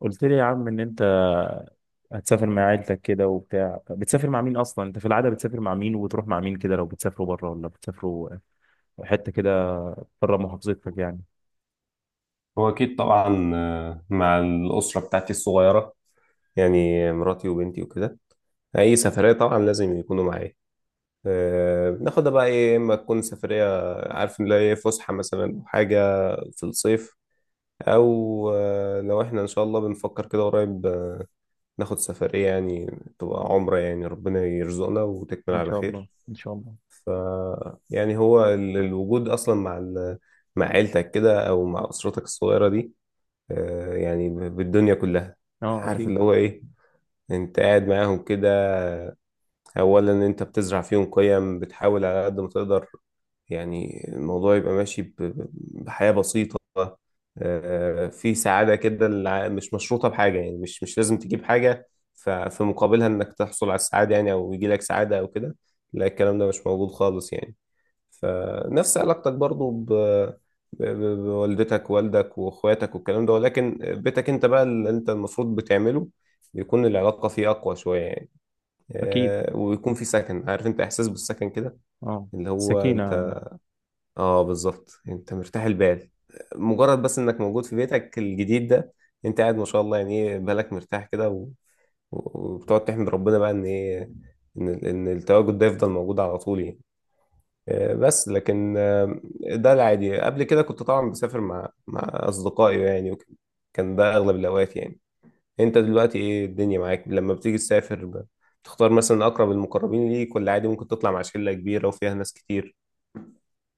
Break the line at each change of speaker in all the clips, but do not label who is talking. قلت لي يا عم ان انت هتسافر مع عيلتك كده وبتاع. بتسافر مع مين اصلا؟ انت في العاده بتسافر مع مين وبتروح مع مين كده؟ لو بتسافروا بره ولا بتسافروا حته كده بره محافظتك يعني.
هو أكيد طبعا، مع الأسرة بتاعتي الصغيرة. يعني مراتي وبنتي وكده. أي سفرية طبعا لازم يكونوا معايا. بناخدها بقى إيه، إما تكون سفرية عارف إن هي إيه، فسحة مثلا أو حاجة في الصيف، أو لو إحنا إن شاء الله بنفكر كده قريب، ناخد سفرية يعني، تبقى عمرة يعني ربنا يرزقنا وتكمل
ان
على
شاء الله
خير.
ان شاء الله.
ف يعني هو الوجود أصلا مع مع عيلتك كده أو مع أسرتك الصغيرة دي، يعني بالدنيا كلها.
اه
عارف
اكيد.
اللي هو ايه، انت قاعد معاهم كده، اولا انت بتزرع فيهم قيم، بتحاول على قد ما تقدر يعني الموضوع يبقى ماشي بحياة بسيطة، في سعادة كده مش مشروطة بحاجة، يعني مش لازم تجيب حاجة في مقابلها انك تحصل على السعادة، يعني او يجي لك سعادة او كده. لا الكلام ده مش موجود خالص يعني. فنفس علاقتك برضو بوالدتك والدك واخواتك والكلام ده، ولكن بيتك انت بقى اللي انت المفروض بتعمله بيكون العلاقة فيه أقوى شوية يعني.
اكيد.
آه، ويكون في سكن، عارف انت إحساس بالسكن كده،
اه.
اللي هو
سكينه.
انت، اه بالظبط، انت مرتاح البال مجرد بس انك موجود في بيتك الجديد ده. انت قاعد، ما شاء الله، يعني ايه بالك مرتاح كده وبتقعد تحمد ربنا بقى ان ايه، ان التواجد ده يفضل موجود على طول يعني. بس لكن ده العادي. قبل كده كنت طبعا بسافر مع اصدقائي يعني وكده. كان ده اغلب الاوقات يعني. انت دلوقتي ايه الدنيا معاك لما بتيجي تسافر بتختار مثلا اقرب المقربين ليك، ولا عادي ممكن تطلع مع شلة كبيرة وفيها ناس كتير؟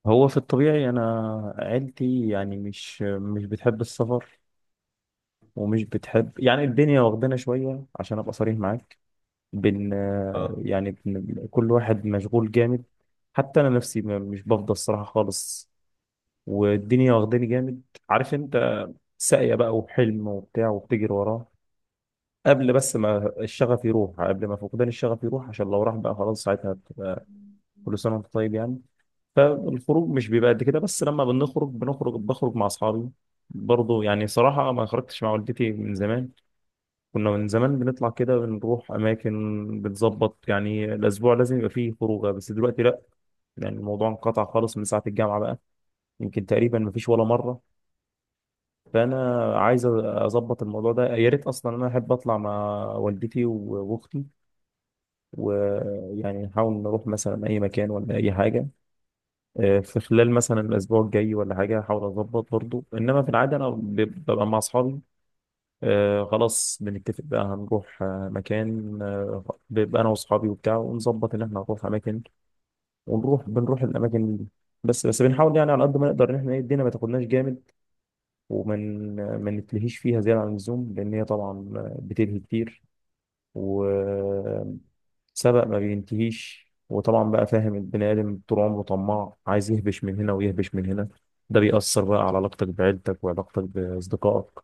هو في الطبيعي انا عيلتي يعني مش بتحب السفر ومش بتحب يعني. الدنيا واخدانا شويه عشان ابقى صريح معاك. بن
اه،
يعني كل واحد مشغول جامد. حتى انا نفسي مش بفضى الصراحه خالص والدنيا واخداني جامد. عارف انت، ساقيه بقى وحلم وبتاع وبتجري وراه قبل ما فقدان الشغف يروح، عشان لو راح بقى خلاص ساعتها. كل سنه وانت طيب يعني. فالخروج مش بيبقى قد كده، بس لما بنخرج بخرج مع اصحابي برضه. يعني صراحه ما خرجتش مع والدتي من زمان. كنا من زمان بنطلع كده، بنروح أماكن بتظبط، يعني الأسبوع لازم يبقى فيه خروجة، بس دلوقتي لأ. يعني الموضوع انقطع خالص من ساعة الجامعة بقى. يمكن تقريبا مفيش ولا مرة. فأنا عايز أظبط الموضوع ده. يا ريت أصلا، أنا أحب أطلع مع والدتي وأختي، ويعني نحاول نروح مثلا أي مكان ولا أي حاجة، في خلال مثلا الأسبوع الجاي ولا حاجة. أحاول أظبط برضه. إنما في العادة أنا ببقى مع أصحابي. آه خلاص، بنتفق بقى هنروح آه مكان آه، بيبقى انا واصحابي وبتاع، ونظبط ان احنا هنروح اماكن ونروح، بنروح الاماكن دي. بس بنحاول يعني على قد ما نقدر ان احنا إيه، الدنيا ما تاخدناش جامد، ومن ما نتلهيش فيها زياده عن اللزوم، لان هي طبعا بتلهي كتير وسبق ما بينتهيش. وطبعا بقى فاهم، البني ادم طول عمره طماع، عايز يهبش من هنا ويهبش من هنا. ده بيأثر بقى على علاقتك بعيلتك وعلاقتك بأصدقائك.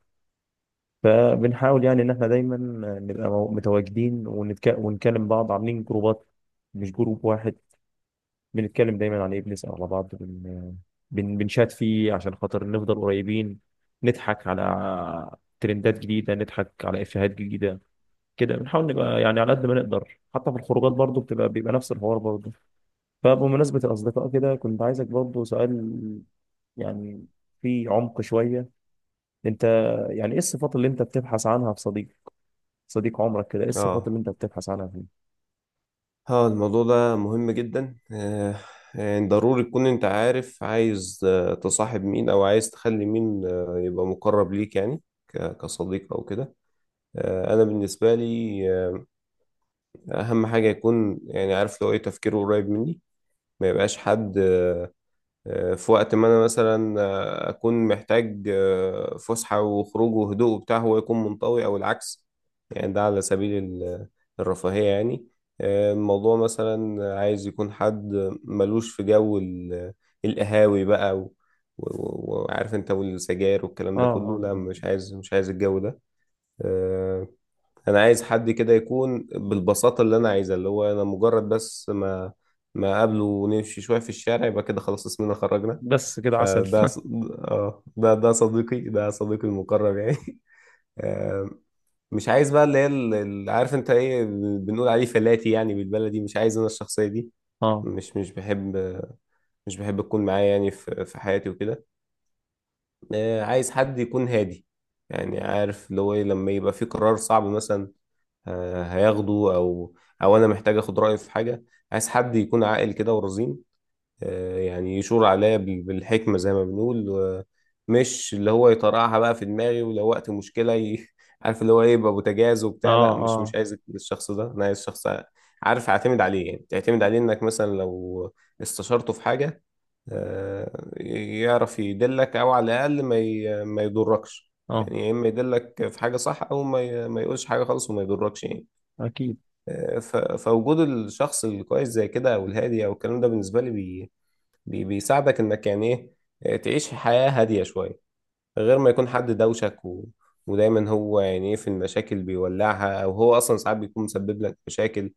فبنحاول يعني ان احنا دايما نبقى متواجدين ونكلم بعض، عاملين جروبات مش جروب واحد. بنتكلم دايما عن ايه، بنسأل على بعض، بنشات فيه عشان خاطر نفضل قريبين، نضحك على ترندات جديدة، نضحك على إفيهات جديدة. كده بنحاول نبقى يعني على قد ما نقدر. حتى في الخروجات برضو بيبقى نفس الحوار برضو. فبمناسبة الأصدقاء كده كنت عايزك برضو سؤال، يعني في عمق شوية. انت يعني ايه الصفات اللي انت بتبحث عنها في صديق؟ صديق عمرك كده، ايه الصفات
اه،
اللي انت بتبحث عنها فيه؟
اه، الموضوع ده مهم جدا. يعني ضروري تكون انت عارف عايز تصاحب مين او عايز تخلي مين يبقى مقرب ليك يعني كصديق او كده. آه، انا بالنسبة لي اهم حاجه يكون، يعني عارف، لو ايه تفكيره قريب مني. ما يبقاش حد في وقت ما انا مثلا اكون محتاج فسحه وخروج وهدوء وبتاع، هو يكون منطوي او العكس. يعني ده على سبيل الرفاهيه يعني. الموضوع مثلا عايز يكون حد ملوش في جو القهاوي بقى وعارف انت، والسجاير
اه.
والكلام ده كله،
اه.
لا
آه.
مش عايز، الجو ده. آه، انا عايز حد كده يكون بالبساطه اللي انا عايزها، اللي هو انا مجرد بس ما اقابله ونمشي شويه في الشارع يبقى كده خلاص، اسمنا خرجنا.
بس كده عسل
فده ص- اه، ده صديقي، ده صديقي المقرب يعني. آه، مش عايز بقى اللي هي عارف انت ايه، بنقول عليه فلاتي يعني بالبلدي. مش عايز انا الشخصيه دي.
اه.
مش بحب، مش بحب تكون معايا يعني في حياتي وكده. آه، عايز حد يكون هادي، يعني عارف اللي هو إيه، لما يبقى في قرار صعب مثلا هياخده، او او انا محتاج اخد رايه في حاجه. عايز حد يكون عاقل كده ورزين، يعني يشور عليا بالحكمه زي ما بنقول، مش اللي هو يطرقعها بقى في دماغي، ولو وقت مشكله عارف اللي هو ايه، يبقى بوتجاز
اه.
وبتاع. لا، مش
اه.
مش عايز الشخص ده، انا عايز شخص عارف اعتمد عليه، يعني تعتمد عليه انك مثلا لو استشرته في حاجه يعرف يدلك، او على الاقل ما يضركش،
اه
يعني يا اما يدلك في حاجه صح، او ما يقولش حاجه خالص وما يضركش يعني.
اكيد.
فوجود الشخص الكويس زي كده، او الهادي او الكلام ده، بالنسبه لي بيساعدك انك يعني ايه، تعيش حياه هاديه شويه، غير ما يكون حد دوشك ودايما هو يعني ايه، في المشاكل بيولعها، او هو اصلا ساعات بيكون مسبب لك مشاكل،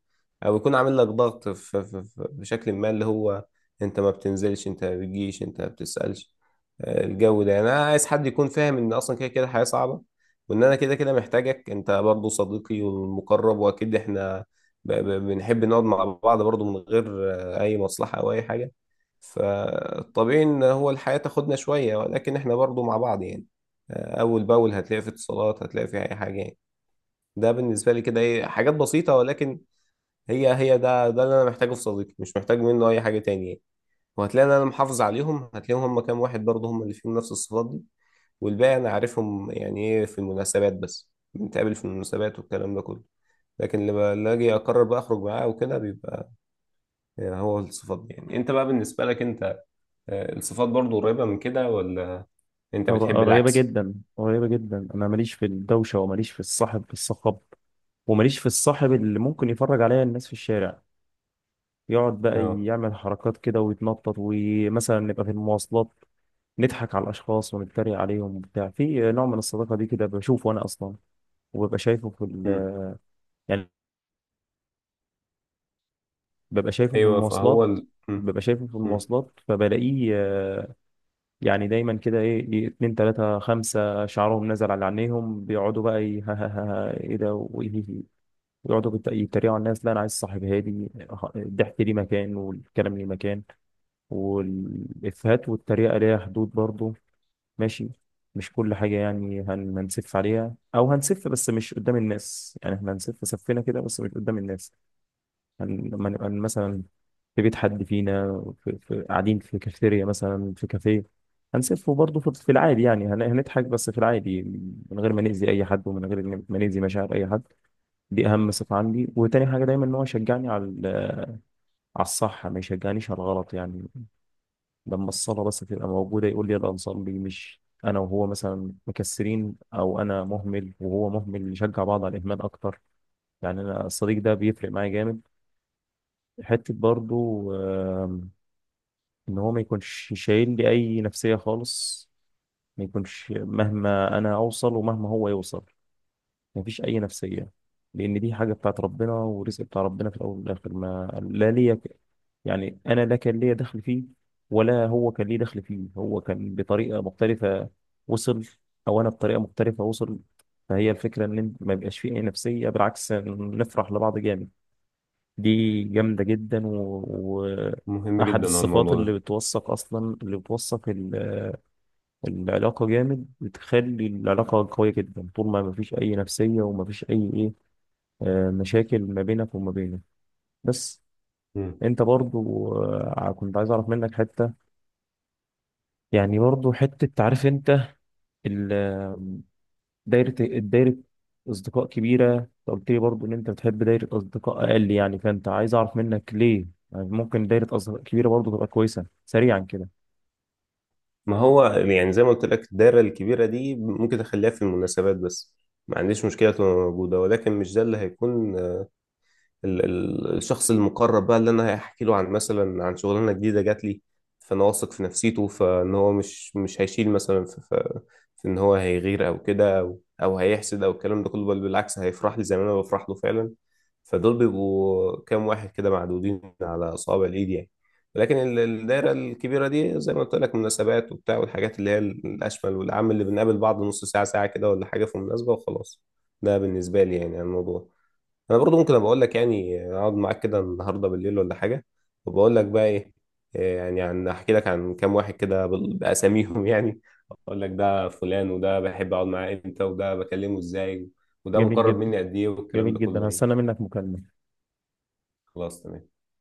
او يكون عامل لك ضغط بشكل ما، اللي هو انت ما بتنزلش، انت ما بتجيش، انت ما بتسألش. الجو ده يعني، انا عايز حد يكون فاهم ان اصلا كده كده حياة صعبة، وان انا كده كده محتاجك انت برضو صديقي والمقرب، واكيد احنا بنحب نقعد مع بعض برضو من غير اي مصلحة او اي حاجة. فطبيعي ان هو الحياة تاخدنا شوية، ولكن احنا برضو مع بعض يعني اول باول، هتلاقي في اتصالات، هتلاقي في اي حاجة يعني. ده بالنسبة لي كده، ايه، حاجات بسيطة، ولكن هي ده اللي انا محتاجه في صديقي. مش محتاج منه اي حاجة تانية يعني. وهتلاقي ان انا محافظ عليهم، هتلاقيهم هم كام واحد برضو، هم اللي فيهم نفس الصفات دي. والباقي انا عارفهم يعني ايه، في المناسبات بس بنتقابل في المناسبات والكلام ده كله، لكن اللي اجي اقرر بقى اخرج معاه وكده بيبقى يعني هو الصفات دي. يعني انت بقى بالنسبة لك انت، الصفات برضو قريبة من كده، ولا انت بتحب
قريبة
العكس؟
جدا، قريبة جدا. انا ماليش في الدوشة، وماليش في الصاحب الصخب، وماليش في الصاحب اللي ممكن يفرج عليا الناس في الشارع، يقعد بقى
اه.
يعمل حركات كده ويتنطط، ومثلا نبقى في المواصلات نضحك على الاشخاص ونتريق عليهم وبتاع. في نوع من الصداقة دي كده بشوفه انا اصلا، وببقى شايفه في
مم.
ببقى شايفه في
ايوه، فهو
المواصلات،
مم.
ببقى شايفه في
مم.
المواصلات فبلاقيه يعني دايما كده ايه، اتنين تلاتة خمسة شعرهم نزل على عينيهم، بيقعدوا بقى ها ها ها ها ايه ده ويقعدوا يتريقوا على الناس. لا انا عايز صاحب هادي. الضحك ليه مكان والكلام ليه مكان والافيهات والتريقة ليها حدود برضو، ماشي؟ مش كل حاجة يعني هنسف عليها، أو هنسف بس مش قدام الناس. يعني احنا هنسف سفينا كده بس مش قدام الناس. لما نبقى مثلا في بيت حد فينا، في قاعدين في كافيتيريا مثلا، في كافيه، هنسفه برضه في في العادي، يعني هنضحك بس في العادي، من غير ما نأذي أي حد، ومن غير ما نأذي مشاعر أي حد. دي أهم صفة عندي. وتاني حاجة دايما إن هو يشجعني على على الصح، ما يشجعنيش على الغلط يعني. لما الصلاة بس تبقى موجودة يقول لي يلا نصلي، مش أنا وهو مثلا مكسرين، أو أنا مهمل وهو مهمل نشجع بعض على الإهمال أكتر. يعني أنا الصديق ده بيفرق معايا جامد. حتة برضه، ان هو ما يكونش شايل لي اي نفسية خالص. ما يكونش مهما انا اوصل ومهما هو يوصل ما فيش اي نفسية، لان دي حاجة بتاعت ربنا ورزق بتاع ربنا في الاول والاخر. ما لا ليا يعني انا لا كان ليا دخل فيه، ولا هو كان ليه دخل فيه. هو كان بطريقه مختلفه وصل، او انا بطريقه مختلفه وصل. فهي الفكره ان ما يبقاش فيه اي نفسيه، بالعكس نفرح لبعض جامد. دي جامدة جدا
مهم
وأحد
جدا على
الصفات
الموضوع
اللي
ده.
بتوثق أصلا، اللي بتوثق العلاقة جامد، بتخلي العلاقة قوية جدا طول ما مفيش أي نفسية ومفيش أي إيه، مشاكل ما بينك وما بينه بس.
مم.
أنت برضو كنت عايز أعرف منك حتة، يعني برضو حتة تعرف أنت ال- الدايرة أصدقاء كبيرة. أنت قلت لي برضو إن أنت بتحب دايرة أصدقاء أقل يعني، فأنت عايز أعرف منك ليه يعني؟ ممكن دايرة أصدقاء كبيرة برضو تبقى كويسة سريعا كده.
ما هو يعني زي ما قلت لك، الدايره الكبيره دي ممكن اخليها في المناسبات بس. ما عنديش مشكله تبقى موجوده، ولكن مش ده اللي هيكون الشخص المقرب بقى، اللي انا هحكي له عن مثلا عن شغلانه جديده جات لي، فانا واثق في نفسيته فان هو مش هيشيل مثلا في ان هو هيغير، او كده، او هيحسد، او الكلام ده كله. بل بالعكس، هيفرح لي زي ما انا بفرح له فعلا. فدول بيبقوا كام واحد كده معدودين على اصابع الايد يعني. ولكن الدايره الكبيره دي زي ما قلت لك، مناسبات وبتاع، والحاجات اللي هي الاشمل والعام، اللي بنقابل بعض نص ساعه ساعه كده، ولا حاجه في مناسبه وخلاص. ده بالنسبه لي يعني عن الموضوع. انا برضو ممكن ابقى اقول لك يعني، اقعد معاك كده النهارده بالليل ولا حاجه، وبقول لك بقى ايه، إيه يعني، عن احكي لك عن كام واحد كده باساميهم، يعني اقول لك ده فلان، وده بحب اقعد معاه امتى، وده بكلمه ازاي، وده
جميل
مقرب
جدا،
مني قد ايه، والكلام
جميل
ده
جدا.
كله يعني.
هستنى منك مكالمة.
خلاص، تمام.